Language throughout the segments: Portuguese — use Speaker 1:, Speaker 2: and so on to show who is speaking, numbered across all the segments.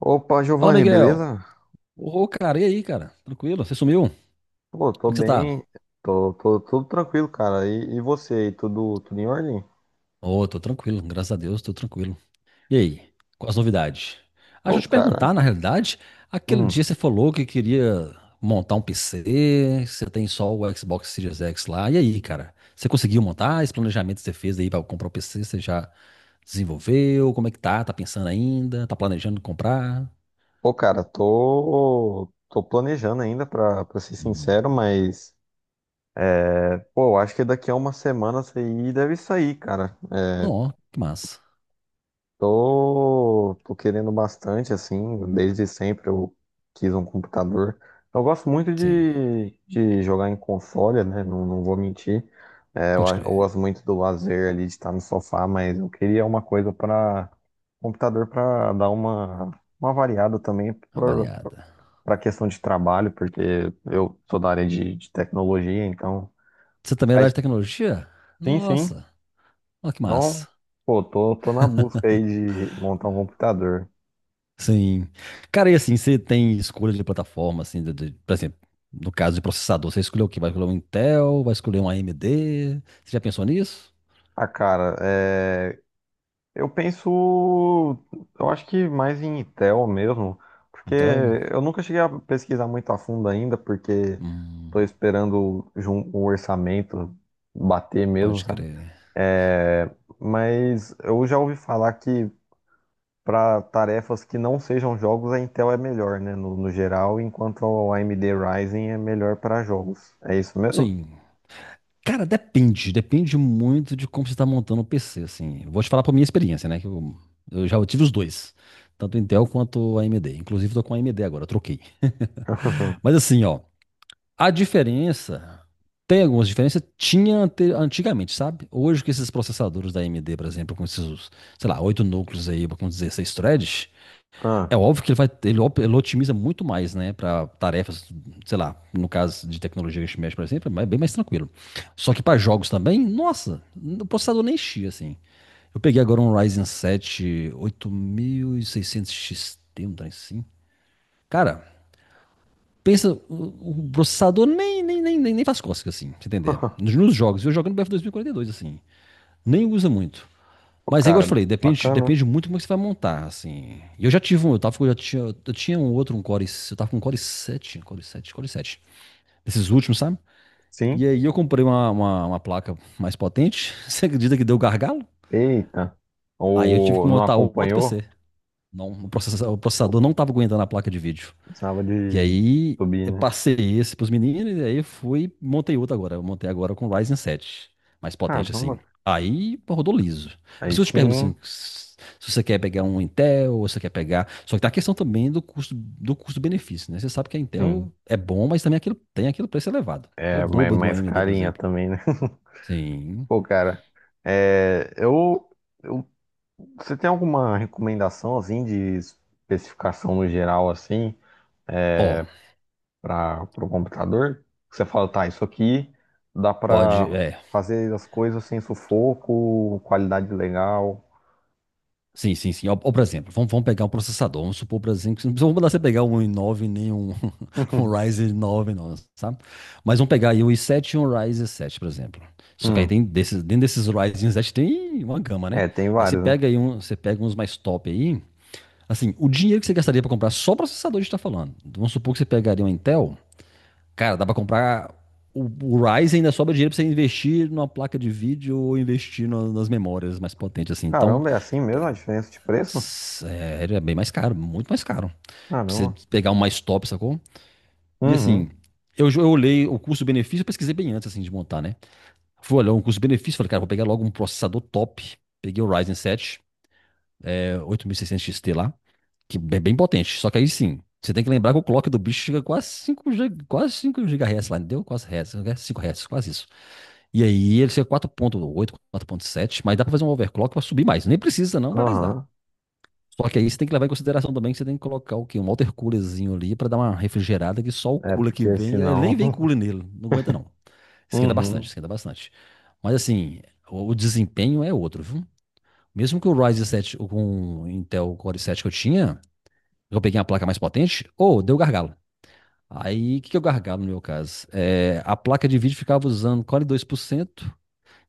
Speaker 1: Opa,
Speaker 2: Fala,
Speaker 1: Giovanni,
Speaker 2: Miguel.
Speaker 1: beleza?
Speaker 2: Ô, cara, e aí, cara? Tranquilo? Você sumiu? Como
Speaker 1: Pô, tô
Speaker 2: é que você tá?
Speaker 1: bem, tô tudo tranquilo, cara. E você aí, tudo em ordem?
Speaker 2: Ô, tô tranquilo, graças a Deus, tô tranquilo. E aí, quais as novidades? Ah, deixa
Speaker 1: Pô,
Speaker 2: eu te
Speaker 1: cara,
Speaker 2: perguntar, na realidade, aquele
Speaker 1: hum.
Speaker 2: dia você falou que queria montar um PC, que você tem só o Xbox Series X lá. E aí, cara? Você conseguiu montar? Esse planejamento que você fez aí pra comprar o PC, você já desenvolveu? Como é que tá? Tá pensando ainda? Tá planejando comprar?
Speaker 1: Pô, cara, tô planejando ainda, pra ser
Speaker 2: Hum.
Speaker 1: sincero, mas, pô, eu acho que daqui a uma semana isso aí deve sair, cara.
Speaker 2: Não, que massa.
Speaker 1: Tô querendo bastante, assim, desde sempre eu quis um computador. Eu gosto muito
Speaker 2: Sim,
Speaker 1: de jogar em console, né? Não vou mentir. É,
Speaker 2: pode
Speaker 1: eu
Speaker 2: crer.
Speaker 1: gosto muito do lazer ali, de estar no sofá, mas eu queria uma coisa para computador para dar uma variada também para
Speaker 2: Avariada.
Speaker 1: a questão de trabalho, porque eu sou da área de tecnologia, então
Speaker 2: Você também é da área
Speaker 1: faz.
Speaker 2: de tecnologia?
Speaker 1: Sim, sim.
Speaker 2: Nossa, olha que
Speaker 1: Então,
Speaker 2: massa.
Speaker 1: pô, tô na busca aí de montar um computador.
Speaker 2: Sim. Cara, e assim, você tem escolha de plataforma, assim, por exemplo, no caso de processador, você escolheu o quê? Vai escolher um Intel? Vai escolher um AMD? Você já pensou nisso?
Speaker 1: Ah, cara, eu penso, eu acho que mais em Intel mesmo, porque
Speaker 2: Intel?
Speaker 1: eu nunca cheguei a pesquisar muito a fundo ainda, porque estou
Speaker 2: Hum,
Speaker 1: esperando o orçamento bater mesmo,
Speaker 2: pode
Speaker 1: sabe?
Speaker 2: crer.
Speaker 1: É, mas eu já ouvi falar que para tarefas que não sejam jogos, a Intel é melhor, né, no geral, enquanto a AMD Ryzen é melhor para jogos. É isso mesmo?
Speaker 2: Sim. Cara, depende. Depende muito de como você está montando o PC, assim. Vou te falar por minha experiência, né? Que eu já tive os dois. Tanto Intel quanto AMD. Inclusive, tô com AMD agora, eu troquei. Mas assim, ó. A diferença, tem algumas diferenças, tinha antigamente, sabe? Hoje que esses processadores da AMD, por exemplo, com esses, sei lá, oito núcleos aí, com 16 threads, é
Speaker 1: Ah,
Speaker 2: óbvio que ele vai, ele, op- ele otimiza muito mais, né, para tarefas, sei lá, no caso de tecnologia que a gente mexe, por exemplo, é bem mais tranquilo. Só que para jogos também, nossa, o processador nem enchia, assim. Eu peguei agora um Ryzen 7 8600 XT, um trem assim. Cara, pensa, o processador nem faz cócega, assim, pra você entender. Nos, nos jogos, eu jogo no BF 2042, assim, nem usa muito.
Speaker 1: Pô,
Speaker 2: Mas aí, igual eu
Speaker 1: cara,
Speaker 2: te falei, depende,
Speaker 1: bacana.
Speaker 2: depende muito como é que você vai montar, assim. E eu já tive um, eu tava, eu já tinha, eu tinha um outro, um Core, eu tava com um Core 7, Core 7, Core 7, desses últimos, sabe? E
Speaker 1: Sim.
Speaker 2: aí eu comprei uma placa mais potente, você acredita que deu gargalo?
Speaker 1: Eita,
Speaker 2: Aí eu tive
Speaker 1: ou
Speaker 2: que
Speaker 1: não
Speaker 2: montar outro
Speaker 1: acompanhou?
Speaker 2: PC. Não, o o processador
Speaker 1: Ou
Speaker 2: não tava aguentando a placa de vídeo.
Speaker 1: precisava
Speaker 2: E
Speaker 1: de
Speaker 2: aí
Speaker 1: subir,
Speaker 2: eu
Speaker 1: né?
Speaker 2: passei esse pros meninos, e aí fui, montei outro agora. Eu montei agora com o Ryzen 7 mais potente assim.
Speaker 1: Caramba,
Speaker 2: Aí pô, rodou liso. Eu
Speaker 1: aí
Speaker 2: preciso te
Speaker 1: sim,
Speaker 2: perguntar assim,
Speaker 1: hein?
Speaker 2: se você quer pegar um Intel, ou se você quer pegar. Só que tá a questão também do custo, do custo-benefício, né? Você sabe que a
Speaker 1: Sim.
Speaker 2: Intel é bom, mas também aquilo, tem aquele preço elevado, que é o
Speaker 1: É
Speaker 2: dobro do
Speaker 1: mais
Speaker 2: AMD, por
Speaker 1: carinha
Speaker 2: exemplo.
Speaker 1: também, né?
Speaker 2: Sim.
Speaker 1: Pô, cara, é, eu, eu- você tem alguma recomendação, assim, de especificação no geral, assim,
Speaker 2: Ó,
Speaker 1: para o computador? Que você fala, tá, isso aqui dá
Speaker 2: pode,
Speaker 1: pra
Speaker 2: é.
Speaker 1: fazer as coisas sem sufoco, qualidade legal.
Speaker 2: Sim, sim, sim. Ou, por exemplo, vamos pegar um processador. Vamos supor, por exemplo, que não precisa- vamos mandar você pegar um i9 nem um, um Ryzen 9, não, sabe? Mas vamos pegar aí um i7 e um Ryzen 7, por exemplo. Só que aí
Speaker 1: Hum,
Speaker 2: tem desses, dentro desses Ryzen 7 tem uma gama, né?
Speaker 1: é, tem
Speaker 2: Mas você
Speaker 1: vários, né?
Speaker 2: pega aí um, você pega uns mais top aí. Assim, o dinheiro que você gastaria para comprar só o processador, a gente tá falando. Vamos supor que você pegaria um Intel. Cara, dá para comprar. O Ryzen ainda sobra dinheiro para você investir numa placa de vídeo ou investir nas memórias mais potentes, assim. Então.
Speaker 1: Caramba, é assim mesmo a diferença de preço?
Speaker 2: Sério, é bem mais caro, muito mais caro. Pra você
Speaker 1: Caramba.
Speaker 2: pegar um mais top, sacou? E assim,
Speaker 1: Uhum.
Speaker 2: eu olhei o custo-benefício, eu pesquisei bem antes assim, de montar, né? Fui olhar um custo-benefício, falei, cara, vou pegar logo um processador top. Peguei o Ryzen 7, 8600 XT lá, que é bem potente. Só que aí sim, você tem que lembrar que o clock do bicho chega quase 5 GHz lá, entendeu? Quase Hz, 5 Hz, quase isso. E aí ele chega 4.8, 4.7, mas dá pra fazer um overclock pra subir mais. Nem precisa não, mas dá.
Speaker 1: Aham.
Speaker 2: Só que aí você tem que levar em consideração também que você tem que colocar o quê? Um water coolerzinho ali para dar uma refrigerada que só o
Speaker 1: É
Speaker 2: cooler que
Speaker 1: porque
Speaker 2: vem, ele nem
Speaker 1: senão.
Speaker 2: vem cooler nele, não aguenta não. Esquenta bastante,
Speaker 1: Uhum.
Speaker 2: esquenta bastante. Mas assim, o desempenho é outro, viu? Mesmo que o Ryzen 7 com o Intel Core 7 que eu tinha, eu peguei uma placa mais potente, ou deu gargalo. Aí, o que que é o gargalo no meu caso? É, a placa de vídeo ficava usando 42% e 2%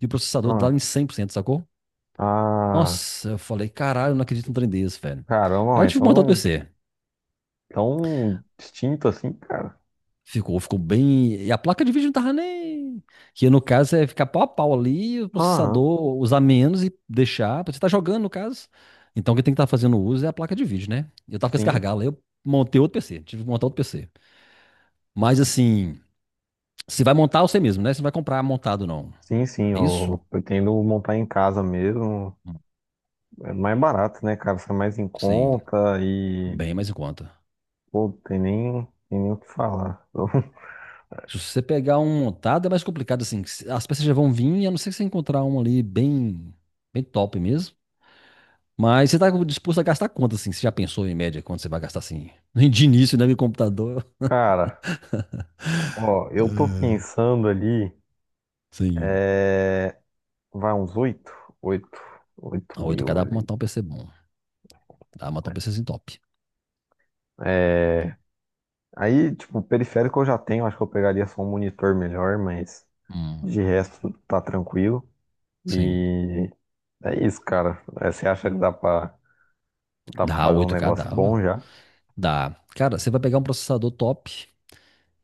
Speaker 2: e o processador lá
Speaker 1: Ah.
Speaker 2: em 100%, sacou?
Speaker 1: Ah.
Speaker 2: Nossa, eu falei, caralho, eu não acredito num trem desse, velho. Aí
Speaker 1: Caramba,
Speaker 2: eu tive que montar outro
Speaker 1: então
Speaker 2: PC.
Speaker 1: tão distinto assim, cara.
Speaker 2: Ficou, ficou bem. E a placa de vídeo não tava nem. Que no caso é ficar pau a pau ali, o
Speaker 1: Aham.
Speaker 2: processador usar menos e deixar. Pra você tá jogando, no caso. Então, o que tem que estar fazendo uso é a placa de vídeo, né? Eu tava com esse
Speaker 1: Sim.
Speaker 2: gargalo, aí eu montei outro PC, tive que montar outro PC. Mas assim, se vai montar você mesmo, né? Você não vai comprar montado, não.
Speaker 1: Sim, sim.
Speaker 2: É isso?
Speaker 1: Eu pretendo montar em casa mesmo. É mais barato, né, cara? Sai mais em
Speaker 2: Sim,
Speaker 1: conta e.
Speaker 2: bem mais em conta.
Speaker 1: Pô, tem nem o que falar.
Speaker 2: Se você pegar um montado, é mais complicado, assim. As peças já vão vir, a não ser que você encontrar um ali bem, bem top mesmo. Mas você tá disposto a gastar quanto, assim? Você já pensou em média quanto você vai gastar, assim? De início, né? Meu computador.
Speaker 1: Cara, ó, eu tô
Speaker 2: É,
Speaker 1: pensando ali.
Speaker 2: sim.
Speaker 1: É... Vai uns oito? Oito. Oito
Speaker 2: A 8K
Speaker 1: mil
Speaker 2: dá pra
Speaker 1: ali.
Speaker 2: montar um PC bom. Dá pra montar um PCzinho top.
Speaker 1: É. Aí, tipo, periférico eu já tenho, acho que eu pegaria só um monitor melhor, mas de
Speaker 2: Hum,
Speaker 1: resto tá tranquilo.
Speaker 2: sim.
Speaker 1: E é isso, cara. É, você acha que dá dá pra
Speaker 2: Dá
Speaker 1: fazer um
Speaker 2: 8K
Speaker 1: negócio
Speaker 2: dá, ué.
Speaker 1: bom já?
Speaker 2: Dá. Cara, você vai pegar um processador top.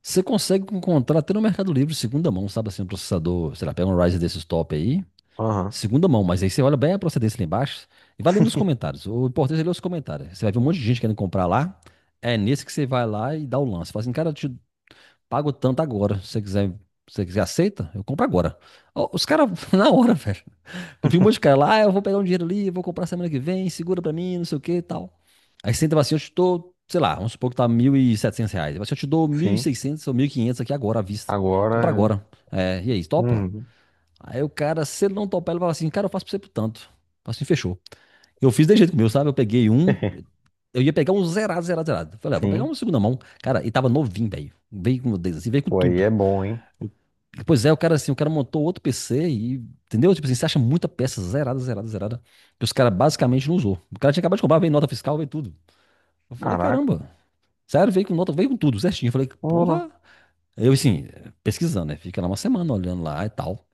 Speaker 2: Você consegue encontrar até no Mercado Livre, segunda mão, sabe assim, um processador, sei lá, pega um Ryzen desses top aí,
Speaker 1: Aham,
Speaker 2: segunda mão, mas aí você olha bem a procedência lá embaixo e vai lendo nos comentários. O importante é ler os comentários. Você vai ver um monte de gente querendo comprar lá, é nesse que você vai lá e dá o lance. Fala assim, cara, eu te pago tanto agora. Se você quiser, aceita? Eu compro agora. Ó, os caras, na hora, velho. Eu vi um monte de cara lá, ah, eu vou pegar um dinheiro ali, vou comprar semana que vem, segura pra mim, não sei o que e tal. Aí você entra e fala assim, eu te dou, sei lá, vamos supor que tá R$ 1.700. Ele fala assim, eu te dou mil e
Speaker 1: sim.
Speaker 2: seiscentos ou 1.500 aqui agora, à vista.
Speaker 1: Agora
Speaker 2: Compra
Speaker 1: já.
Speaker 2: agora. É, e aí, topa?
Speaker 1: Uhum.
Speaker 2: Aí o cara, se ele não topar, ele fala assim, cara, eu faço pra você por tanto. Eu falo assim, fechou. Eu fiz desse jeito com o meu, sabe? Eu ia pegar um zerado, zerado, zerado. Falei, ah, vou pegar
Speaker 1: Sim.
Speaker 2: um segunda mão. Cara, e tava novinho, velho. Veio com, assim, veio com
Speaker 1: Pô, aí
Speaker 2: tudo.
Speaker 1: é bom, hein?
Speaker 2: Pois é, o cara assim, o cara montou outro PC e, entendeu? Tipo assim, você acha muita peça zerada, zerada, zerada, que os caras basicamente não usou. O cara tinha acabado de comprar, veio nota fiscal, veio tudo. Eu falei,
Speaker 1: Caraca.
Speaker 2: caramba, sério, veio com nota, veio com tudo, certinho. Eu falei, porra.
Speaker 1: Olá.
Speaker 2: Eu assim, pesquisando, né? Fica lá uma semana olhando lá e tal.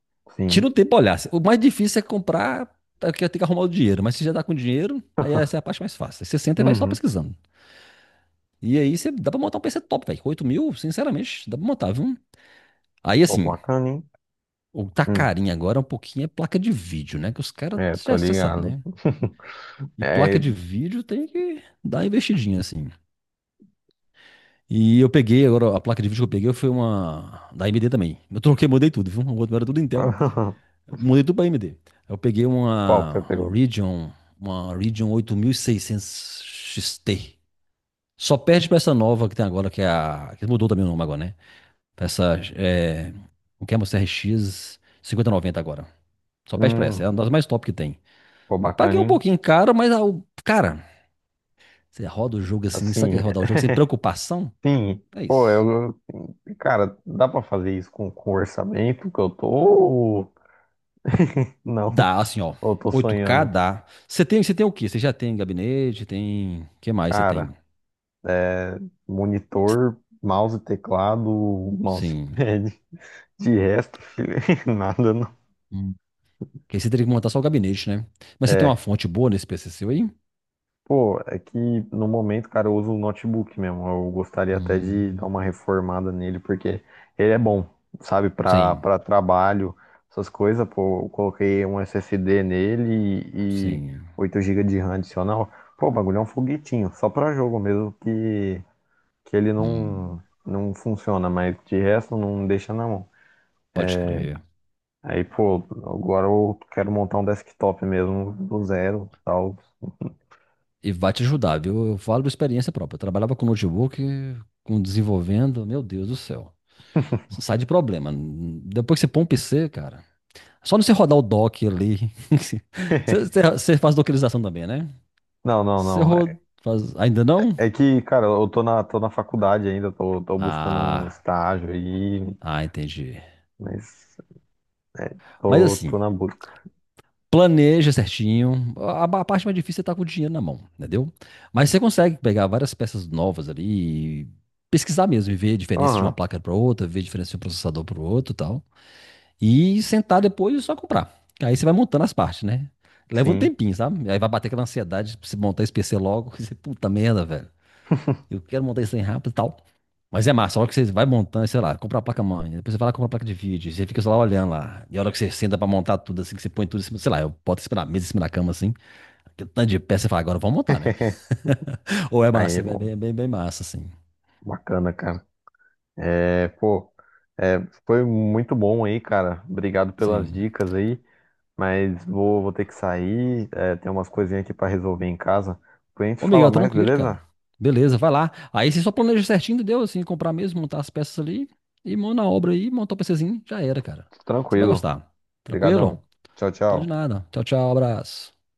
Speaker 2: Tira
Speaker 1: Sim.
Speaker 2: um tempo pra olhar. O mais difícil é comprar, tá, que tem que arrumar o dinheiro, mas se já tá com dinheiro, aí essa é a parte mais fácil. Aí você senta e vai só
Speaker 1: Uhum.
Speaker 2: pesquisando. E aí você dá pra montar um PC top, velho. Com 8 mil, sinceramente, dá pra montar, viu? Aí
Speaker 1: Pô,
Speaker 2: assim,
Speaker 1: bacana, hein?
Speaker 2: o que tá
Speaker 1: Hum.
Speaker 2: carinho agora é um pouquinho é placa de vídeo, né? Que os caras,
Speaker 1: É, tô
Speaker 2: você sabe,
Speaker 1: ligado.
Speaker 2: né? E
Speaker 1: É...
Speaker 2: placa de vídeo tem que dar uma investidinha, assim. E eu peguei, agora a placa de vídeo que eu peguei foi uma da AMD também. Eu troquei, mudei tudo, viu? O outro era tudo Intel. Eu mudei tudo pra AMD. Eu peguei
Speaker 1: Qual que você pegou?
Speaker 2: Uma Radeon 8600 XT. Só perde pra essa nova que tem agora, que é que mudou também o nome agora, né? Pra essa, o que é uma CRX 5090 agora. Só perde pra essa, é
Speaker 1: Hum.
Speaker 2: uma das mais top que tem.
Speaker 1: Pô,
Speaker 2: Eu paguei
Speaker 1: bacana,
Speaker 2: um
Speaker 1: hein?
Speaker 2: pouquinho caro, mas, ah, cara, você roda o jogo assim, sabe o que
Speaker 1: Assim.
Speaker 2: é rodar o jogo sem preocupação?
Speaker 1: Sim,
Speaker 2: É
Speaker 1: pô,
Speaker 2: isso.
Speaker 1: cara, dá pra fazer isso com orçamento que eu tô? Não,
Speaker 2: Dá, assim, ó.
Speaker 1: eu tô
Speaker 2: Oito k
Speaker 1: sonhando.
Speaker 2: dá. Você tem o quê? Você já tem gabinete, tem. O que mais você
Speaker 1: Cara,
Speaker 2: tem?
Speaker 1: é, monitor, mouse, teclado,
Speaker 2: Sim.
Speaker 1: mousepad, de resto, filho, nada não.
Speaker 2: Hum. Porque aí você teria que montar só o gabinete, né? Mas você tem uma
Speaker 1: É,
Speaker 2: fonte boa nesse PC seu aí?
Speaker 1: pô, é que no momento, cara, eu uso o notebook mesmo. Eu gostaria até de dar
Speaker 2: Hum.
Speaker 1: uma reformada nele, porque ele é bom, sabe,
Speaker 2: Sim,
Speaker 1: para trabalho, essas coisas. Pô, eu coloquei um SSD nele e
Speaker 2: sim.
Speaker 1: 8 GB de RAM adicional. Pô, o bagulho é um foguetinho, só para jogo mesmo que ele
Speaker 2: Hum.
Speaker 1: não funciona, mas de resto não deixa na mão.
Speaker 2: Pode crer.
Speaker 1: Aí, pô, agora eu quero montar um desktop mesmo do zero, tal.
Speaker 2: E vai te ajudar, viu? Eu falo de experiência própria. Eu trabalhava com notebook, com desenvolvendo, meu Deus do céu. Você sai de problema. Depois que você põe um PC, cara. É Só não você rodar o dock ali. Você, você faz dockerização também, né? Você
Speaker 1: Não.
Speaker 2: roda, faz. Ainda não?
Speaker 1: É que, cara, eu tô tô na faculdade ainda, tô buscando um
Speaker 2: Ah,
Speaker 1: estágio aí,
Speaker 2: ah, entendi.
Speaker 1: mas é,
Speaker 2: Mas
Speaker 1: tô,
Speaker 2: assim,
Speaker 1: tô na busca.
Speaker 2: planeja certinho. A parte mais difícil é estar com o dinheiro na mão, entendeu? Mas você consegue pegar várias peças novas ali e pesquisar mesmo e ver a diferença de uma
Speaker 1: Aham,
Speaker 2: placa para outra, ver a diferença de um processador para o outro e sentar depois e só comprar. Aí você vai montando as partes, né? Leva um
Speaker 1: sim.
Speaker 2: tempinho, sabe? Aí vai bater aquela ansiedade pra você montar esse PC logo. E você, puta merda, velho. Eu quero montar isso aí rápido e tal. Mas é massa, a hora que você vai montando, sei lá, compra a placa-mãe, depois você vai lá comprar a placa de vídeo, você fica só lá olhando lá. E a hora que você senta pra montar tudo, assim, que você põe tudo em cima, sei lá, eu boto em cima da mesa, em cima da cama, assim, aquele tanto de peça, você fala, agora vamos montar, né? Ou é
Speaker 1: Aí,
Speaker 2: massa, velho, é
Speaker 1: bom,
Speaker 2: bem, bem, bem massa, assim.
Speaker 1: bacana, cara. É, pô, é, foi muito bom aí, cara. Obrigado pelas
Speaker 2: Sim.
Speaker 1: dicas aí, mas vou ter que sair, é, tem umas coisinhas aqui pra resolver em casa. Depois a gente
Speaker 2: Ô,
Speaker 1: fala
Speaker 2: Miguel,
Speaker 1: mais,
Speaker 2: tranquilo,
Speaker 1: beleza?
Speaker 2: cara. Beleza, vai lá. Aí você só planeja certinho, deu assim, comprar mesmo, montar as peças ali e mão na obra aí, montar o PCzinho, já era, cara. Você vai
Speaker 1: Tranquilo.
Speaker 2: gostar. Tranquilo?
Speaker 1: Obrigadão. Tchau,
Speaker 2: Então de
Speaker 1: tchau.
Speaker 2: nada. Tchau, tchau, abraço.